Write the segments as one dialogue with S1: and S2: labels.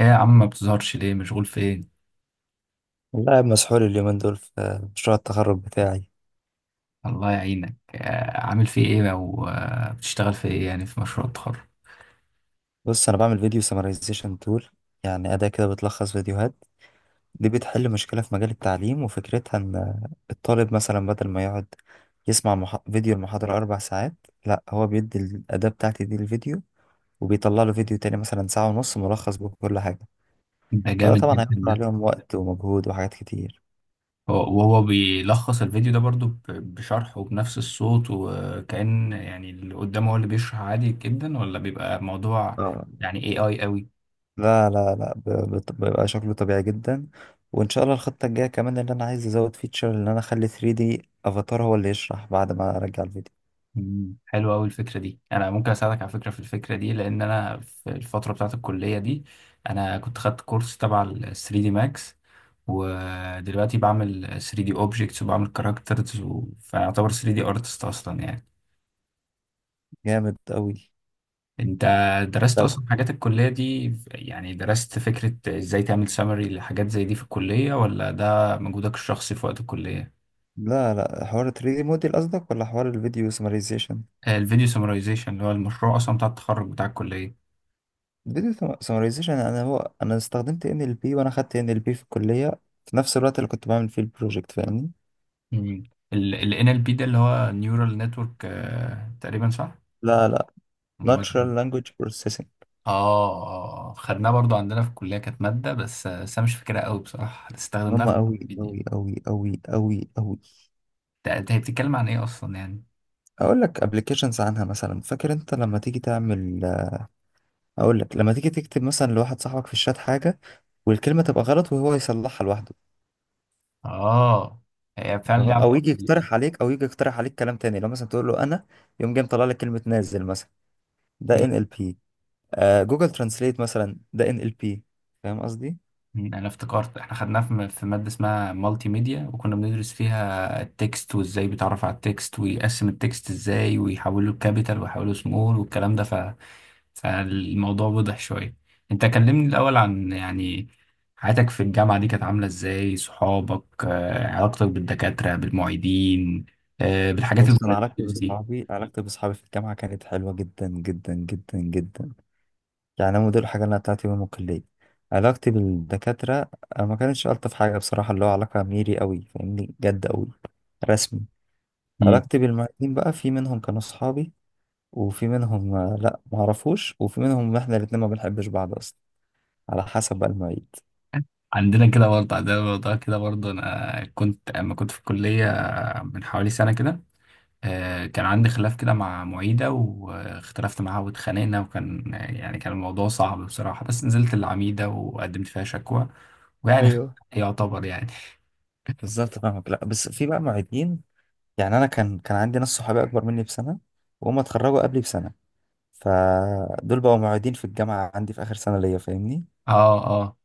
S1: ايه يا عم، ما بتظهرش ليه؟ مشغول في ايه؟
S2: والله قاعد مسحول اليومين دول في مشروع التخرج بتاعي.
S1: الله يعينك. عامل في ايه؟ او بتشتغل في ايه يعني في مشروع التخرج؟
S2: بص، انا بعمل فيديو سمرايزيشن تول. يعني اداة كده بتلخص فيديوهات. دي بتحل مشكلة في مجال التعليم، وفكرتها ان الطالب مثلا بدل ما يقعد يسمع فيديو المحاضرة اربع ساعات، لا هو بيدي الاداة بتاعتي دي الفيديو وبيطلع له فيديو تاني مثلا ساعة ونص ملخص بكل حاجة.
S1: ده
S2: فده
S1: جامد
S2: طبعا
S1: جدا
S2: هيوفر
S1: ده.
S2: عليهم وقت ومجهود وحاجات كتير.
S1: وهو بيلخص الفيديو ده برضو بشرح وبنفس الصوت، وكأن يعني اللي قدامه هو اللي بيشرح عادي جدا، ولا بيبقى موضوع
S2: اه،
S1: يعني اي قوي؟
S2: لا لا لا، بيبقى شكله طبيعي جدا. وان شاء الله الخطة الجاية كمان اللي انا عايز ازود فيتشر، ان انا اخلي 3D افاتار هو اللي يشرح بعد ما ارجع الفيديو.
S1: حلوة قوي الفكرة دي. انا ممكن اساعدك على فكرة في الفكرة دي، لان انا في الفترة بتاعت الكلية دي انا كنت خدت كورس تبع ال 3 دي ماكس، ودلوقتي بعمل 3 دي اوبجكتس وبعمل كاركترز. فاعتبر 3 دي ارتست اصلا يعني.
S2: جامد قوي.
S1: انت درست
S2: طب
S1: اصلا حاجات الكلية دي؟ يعني درست فكرة ازاي تعمل سمري لحاجات زي دي في الكلية، ولا ده مجهودك الشخصي في وقت الكلية؟
S2: لا لا، حوار 3D موديل قصدك ولا حوار الفيديو سمرايزيشن؟
S1: الفيديو سمرايزيشن، اللي هو المشروع اصلا بتاع التخرج بتاع الكلية.
S2: الفيديو سمرايزيشن. انا استخدمت NLP، وانا خدت NLP في الكلية في نفس الوقت اللي كنت بعمل فيه البروجكت، فاهمني؟
S1: مم. ال NLP ده اللي هو نيورال نتورك تقريبا، صح؟
S2: لا لا،
S1: المادة.
S2: natural language processing.
S1: اه اه، آه. خدناه برضو عندنا في الكلية، كانت مادة، بس بس انا مش فاكرها قوي بصراحة،
S2: هم
S1: استخدمناها في
S2: قوي
S1: الفيديو.
S2: قوي قوي قوي قوي قوي.
S1: انت هي بتتكلم عن ايه اصلا يعني؟
S2: اقول لك ابلكيشنز عنها، مثلا فاكر انت لما تيجي تعمل، اقول لك لما تيجي تكتب مثلا لواحد صاحبك في الشات حاجه والكلمه تبقى غلط وهو يصلحها لوحده.
S1: اه. هي فعلا ليها
S2: تمام؟ او يجي
S1: علاقة.
S2: يقترح عليك، او يجي يقترح عليك كلام تاني، لو مثلا تقول له انا، يقوم جاي مطلع لك كلمه نازل مثلا. ده NLP. جوجل ترانسليت مثلا ده ان ال بي. فاهم قصدي؟
S1: انا افتكرت احنا خدناها في في ماده اسمها مالتي ميديا، وكنا بندرس فيها التكست وازاي بيتعرف على التكست، ويقسم التكست ازاي، ويحوله لكابيتال ويحوله سمول، والكلام ده فالموضوع وضح شويه. انت كلمني الاول عن يعني حياتك في الجامعه دي، كانت عامله ازاي؟ صحابك، علاقتك بالدكاتره بالمعيدين، بالحاجات
S2: بص، انا علاقتي
S1: الفولنتيرز دي.
S2: باصحابي، علاقتي باصحابي في الجامعه كانت حلوه جدا جدا جدا جدا. يعني هم دول الحاجة اللي أنا بتاعتي يوم الكلية. علاقتي بالدكاترة، ما كانتش ألطف حاجة بصراحة، اللي هو علاقة ميري قوي، فاهمني؟ جد قوي رسمي.
S1: مم.
S2: علاقتي بالمعيدين بقى، في منهم كانوا صحابي، وفي منهم لأ، معرفوش، وفي منهم إحنا الاتنين ما بنحبش بعض أصلا، على حسب بقى المعيد.
S1: عندنا كده برضه، عندنا الموضوع كده برضه. انا كنت اما كنت في الكليه من حوالي سنه كده، كان عندي خلاف كده مع معيدة، واختلفت معاها واتخانقنا، وكان يعني كان الموضوع صعب بصراحة، بس نزلت العميدة وقدمت فيها شكوى، ويعني
S2: ايوه،
S1: يعتبر يعني.
S2: بالظبط فاهمك. لأ، بس في بقى معيدين، يعني أنا كان عندي ناس صحابي أكبر مني بسنة، وهم اتخرجوا قبلي بسنة، فدول بقوا معيدين في الجامعة عندي في آخر سنة ليا، فاهمني؟
S1: اه اه.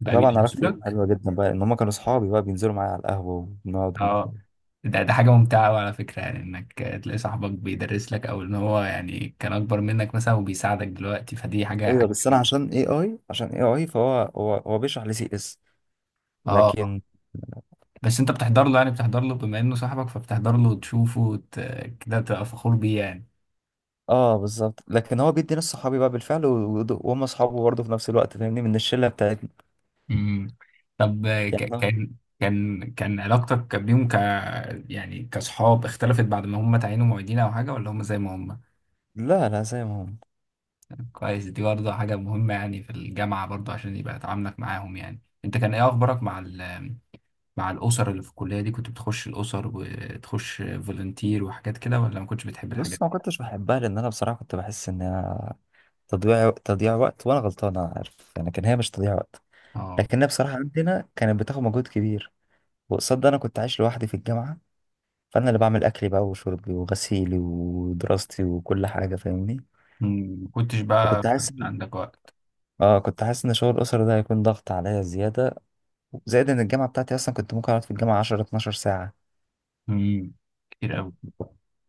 S1: بقى
S2: فطبعا
S1: بيدرس
S2: علاقتي بيهم
S1: لك؟
S2: حلوه جدا بقى، ان هم كانوا صحابي بقى، بينزلوا معايا على القهوه وبنقعد ونخرج.
S1: اه. ده حاجة ممتعة أوي على فكرة، يعني انك تلاقي صاحبك بيدرس لك، او ان هو يعني كان اكبر منك مثلا وبيساعدك دلوقتي، فدي حاجة
S2: ايوه، بس انا
S1: جميلة.
S2: عشان اي اي عشان اي اي فهو هو هو بيشرح لي CS،
S1: اه،
S2: لكن.
S1: بس انت بتحضر له، يعني بتحضر له بما انه صاحبك، فبتحضر له وتشوفه. كده تبقى فخور بيه يعني.
S2: اه، بالظبط. لكن هو بيدي ناس صحابي بقى بالفعل، وهم صحابه برضه في نفس الوقت، فاهمني؟ من الشله بتاعتنا.
S1: مم. طب
S2: يعني أنا-
S1: كان علاقتك بيهم يعني كصحاب، اختلفت بعد ما هم تعينوا معيدين او حاجه، ولا هم زي ما هم؟
S2: لا لا، زي ما هم.
S1: كويس، دي برضه حاجه مهمه يعني في الجامعه برضه، عشان يبقى تعاملك معاهم. يعني انت كان ايه اخبارك مع مع الاسر اللي في الكليه دي؟ كنت بتخش الاسر وتخش فولنتير وحاجات كده، ولا ما كنتش بتحب الحاجات
S2: بص، ما
S1: دي؟
S2: كنتش بحبها لان انا بصراحه كنت بحس ان هي تضييع وقت، وانا غلطان انا عارف، يعني كان هي مش تضييع وقت.
S1: اه.
S2: لكن هي بصراحه عندنا كانت بتاخد مجهود كبير، وقصاد ده انا كنت عايش لوحدي في الجامعه، فانا اللي بعمل اكلي بقى وشربي وغسيلي ودراستي وكل حاجه، فاهمني؟
S1: مم. ما كنتش بقى
S2: فكنت حاسس إن-
S1: عندك وقت.
S2: اه كنت حاسس ان شغل الاسره ده هيكون ضغط عليا زياده. زائد ان الجامعه بتاعتي اصلا كنت ممكن اقعد في الجامعه 10 12 ساعه
S1: مم. كتير قوي.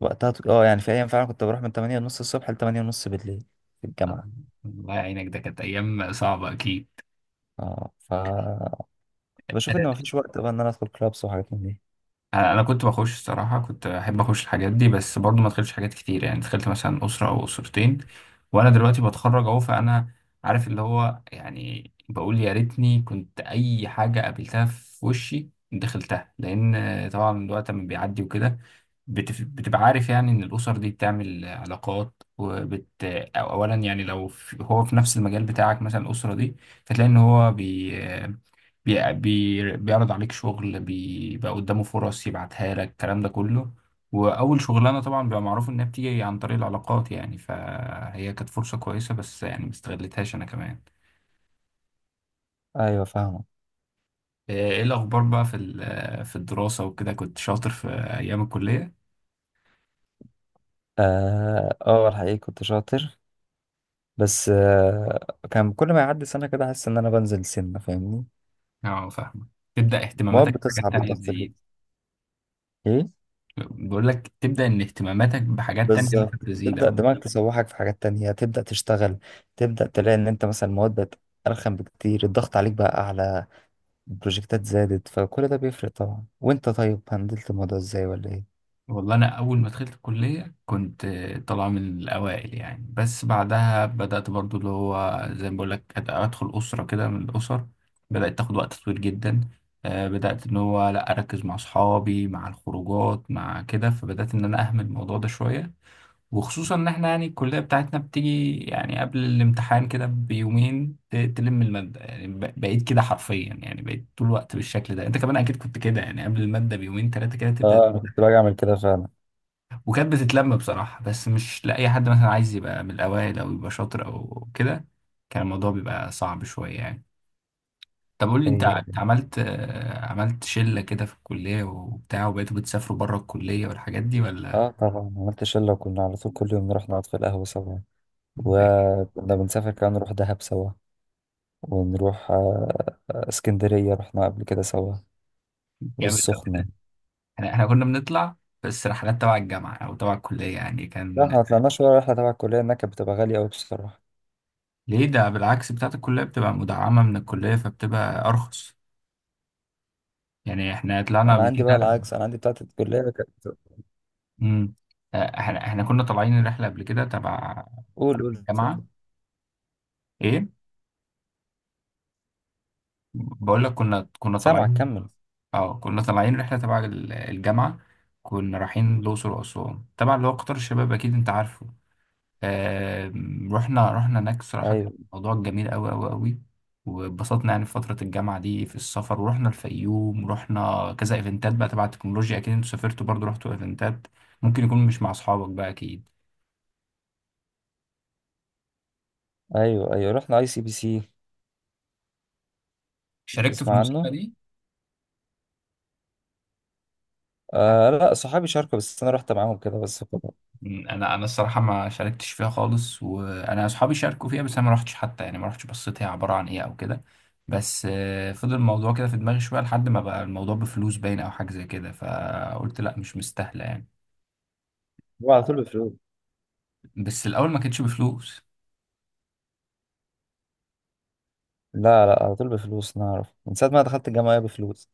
S2: وقتها. يعني في ايام فعلا كنت بروح من 8 ونص الصبح ل 8 ونص بالليل في الجامعه.
S1: الله يعينك، ده كانت ايام صعبه اكيد.
S2: اه ف كنت بشوف ان مفيش وقت بقى ان انا ادخل كلابس وحاجات من دي.
S1: انا كنت بخش الصراحه، كنت احب اخش الحاجات دي، بس برضو ما دخلتش حاجات كتير. يعني دخلت مثلا اسره او اسرتين، وانا دلوقتي بتخرج اهو، فانا عارف اللي هو يعني، بقول يا ريتني كنت اي حاجه قابلتها في وشي دخلتها، لان طبعا الوقت لما بيعدي وكده، بتبقى عارف يعني ان الاسر دي بتعمل علاقات وبت، أو اولا يعني لو هو في نفس المجال بتاعك مثلا الاسره دي، فتلاقي ان هو بي بيعرض عليك شغل، بيبقى قدامه فرص يبعتها لك، الكلام ده كله. وأول شغلانة طبعا بيبقى معروف إنها بتيجي عن طريق العلاقات يعني، فهي كانت فرصة كويسة، بس يعني ما استغلتهاش أنا كمان.
S2: ايوه، فاهمه.
S1: إيه الأخبار بقى في في الدراسة وكده، كنت شاطر في أيام الكلية؟
S2: اه، الحقيقه كنت شاطر، بس كان كل ما يعدي سنه كده احس ان انا بنزل سنه، فاهمني؟
S1: أه فاهمة. تبدأ
S2: المواد
S1: اهتماماتك بحاجات
S2: بتصعب
S1: تانية
S2: والضغط.
S1: تزيد.
S2: ايه.
S1: بقول لك تبدأ إن اهتماماتك بحاجات تانية مثلا
S2: بالظبط.
S1: تزيد.
S2: تبدأ دماغك تسوحك في حاجات تانية، تبدأ تشتغل، تبدأ تلاقي إن أنت مثلا المواد بقت أرخم بكتير، الضغط عليك بقى أعلى، البروجكتات زادت، فكل ده بيفرق طبعا. وأنت، طيب هندلت الموضوع إزاي ولا إيه؟
S1: والله انا اول ما دخلت الكليه كنت طالع من الاوائل يعني، بس بعدها بدات برضو، اللي هو زي ما بقول لك، ادخل اسره كده من الاسر، بدات تاخد وقت طويل جدا. بدات ان هو لا اركز مع اصحابي مع الخروجات مع كده، فبدات ان انا اهمل الموضوع ده شويه. وخصوصا ان احنا يعني الكليه بتاعتنا بتيجي يعني قبل الامتحان كده بيومين تلم الماده يعني، بقيت كده حرفيا يعني، بقيت طول الوقت بالشكل ده. انت كمان اكيد كنت كده يعني، قبل الماده بيومين ثلاثه كده تبدا.
S2: آه، أنا كنت باجي أعمل كده فعلا.
S1: وكانت بتتلم بصراحة، بس مش لأي حد مثلا عايز يبقى من الأوائل أو يبقى شاطر أو كده. كان الموضوع بيبقى صعب شوية يعني. طب قول لي، أنت
S2: أيوه،
S1: أنت
S2: أيوه.
S1: عملت عملت شلة كده في الكلية وبتاع، وبقيتوا بتسافروا بره الكلية والحاجات دي ولا؟
S2: آه، طبعا عملت شلة، وكنا على طول كل يوم نروح نقعد في القهوة سوا،
S1: ده كان
S2: وكنا بنسافر كمان، نروح دهب سوا، ونروح اسكندرية، رحنا قبل كده سوا،
S1: جامد أوي
S2: والسخنة.
S1: ده. إحنا كنا بنطلع بس رحلات تبع الجامعة أو تبع الكلية يعني،
S2: لا،
S1: كان
S2: احنا مطلعناش ولا رحلة تبع الكلية، إنها كانت بتبقى غالية أوي بصراحة.
S1: ليه ده؟ بالعكس، بتاعت الكلية بتبقى مدعمة من الكلية فبتبقى أرخص. يعني إحنا طلعنا
S2: انا
S1: قبل
S2: عندي بقى
S1: كده.
S2: العكس، انا عندي بتاعت الكليه كانت.
S1: امم احنا كنا طالعين رحله قبل كده تبع
S2: قول قول، سامع.
S1: الجامعه. ايه؟ بقول لك كنا
S2: سامعك،
S1: طالعين.
S2: كمل.
S1: اه، كنا طالعين رحله تبع الجامعه، كنا رايحين الاقصر واسوان، تبع اللي هو قطار الشباب، اكيد انت عارفه. رحنا هناك، صراحه كان
S2: ايوه
S1: الموضوع جميل قوي قوي قوي، واتبسطنا يعني في فتره الجامعه دي في السفر، ورحنا الفيوم، ورحنا كذا ايفنتات بقى تبع التكنولوجيا. اكيد انتوا سافرتوا برضو، رحتوا ايفنتات، ممكن يكون مش مع اصحابك بقى اكيد.
S2: ايوه ايوه، رحنا ICPC.
S1: شاركتوا في
S2: تسمع
S1: المسابقه
S2: عنه؟
S1: دي؟
S2: آه لا، صحابي شاركوا بس انا رحت معاهم كده بس فقط.
S1: انا الصراحه ما شاركتش فيها خالص، وانا اصحابي شاركوا فيها، بس انا ما رحتش حتى يعني، ما رحتش بصيت هي عباره عن ايه او كده. بس فضل الموضوع كده في دماغي شويه، لحد ما بقى الموضوع بفلوس باين او حاجه زي كده، فقلت لا مش مستاهله يعني.
S2: هو على طول بفلوس.
S1: بس الاول ما كانتش بفلوس.
S2: لا لا، على طول بفلوس، انا اعرف من ساعه ما دخلت الجامعه هي بفلوس.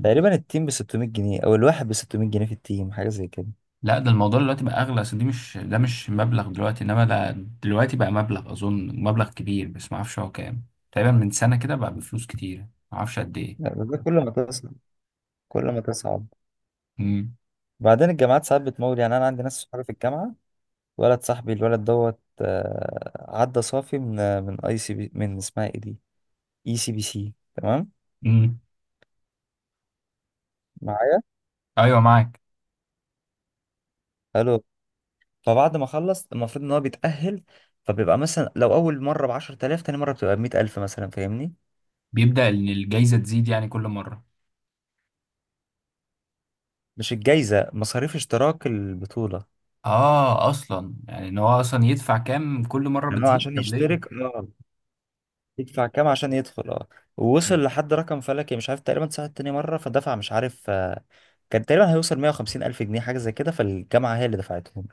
S2: تقريبا التيم ب 600 جنيه، او الواحد ب 600 جنيه في التيم، حاجه زي كده.
S1: لا ده الموضوع دلوقتي بقى اغلى، اصل دي مش، ده مش مبلغ دلوقتي، انما ده دلوقتي بقى مبلغ، اظن مبلغ كبير بس ما اعرفش هو كام. تقريبا من سنه كده بقى بفلوس كتير، ما اعرفش قد ايه.
S2: يعني ده كل ما تصعب كل ما تصعب.
S1: امم
S2: بعدين الجامعات ساعات بتمول. يعني انا عندي ناس صحابي في الجامعه، ولد صاحبي، الولد دوت عدى صافي من من ICP، من اسمها ايه دي؟ ICPC، تمام.
S1: امم
S2: معايا.
S1: ايوه معاك.
S2: حلو. فبعد ما اخلص المفروض ان هو بيتأهل، فبيبقى مثلا لو اول مره ب 10,000، تاني مره بتبقى ب 100,000 مثلا، فاهمني؟
S1: بيبدأ ان الجايزة تزيد يعني كل مرة.
S2: مش الجايزه، مصاريف اشتراك البطوله.
S1: اه، اصلا يعني ان هو اصلا يدفع كام، كل مرة
S2: يعني هو
S1: بتزيد
S2: عشان
S1: طب ليه؟
S2: يشترك، اه. يدفع كام عشان يدخل، اه.
S1: مم.
S2: ووصل لحد رقم فلكي مش عارف، تقريبا ساعة تاني مره فدفع، مش عارف، كان تقريبا هيوصل 150,000 جنيه حاجه زي كده، فالجامعه هي اللي دفعتهم.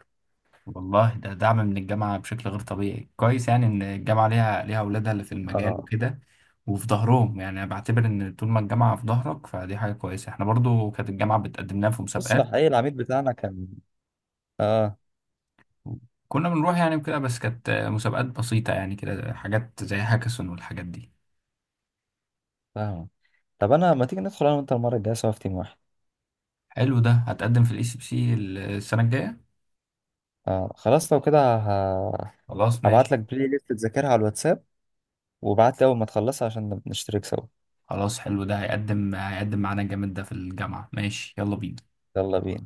S1: والله ده دعم من الجامعة بشكل غير طبيعي. كويس يعني ان الجامعة ليها اولادها اللي في المجال
S2: اه.
S1: وكده، وفي ظهرهم. يعني انا بعتبر ان طول ما الجامعة في ظهرك فدي حاجة كويسة. احنا برضو كانت الجامعة بتقدم لنا في
S2: بص،
S1: مسابقات،
S2: الحقيقه العميد بتاعنا كان. اه.
S1: كنا بنروح يعني وكده، بس كانت مسابقات بسيطة يعني كده، حاجات زي هاكاثون والحاجات دي.
S2: فاهم. طب انا، ما تيجي ندخل انا وانت المره الجايه سوا في تيم واحد؟
S1: حلو ده، هتقدم في الاي سي بي سي السنة الجاية.
S2: آه، خلاص لو كده
S1: خلاص
S2: هبعت
S1: ماشي.
S2: لك بلاي ليست تذاكرها على الواتساب، وبعت لي اول ما تخلصها عشان نشترك سوا.
S1: خلاص حلو، ده هيقدم معانا جامد ده في الجامعة. ماشي، يلا بينا.
S2: يلا بينا.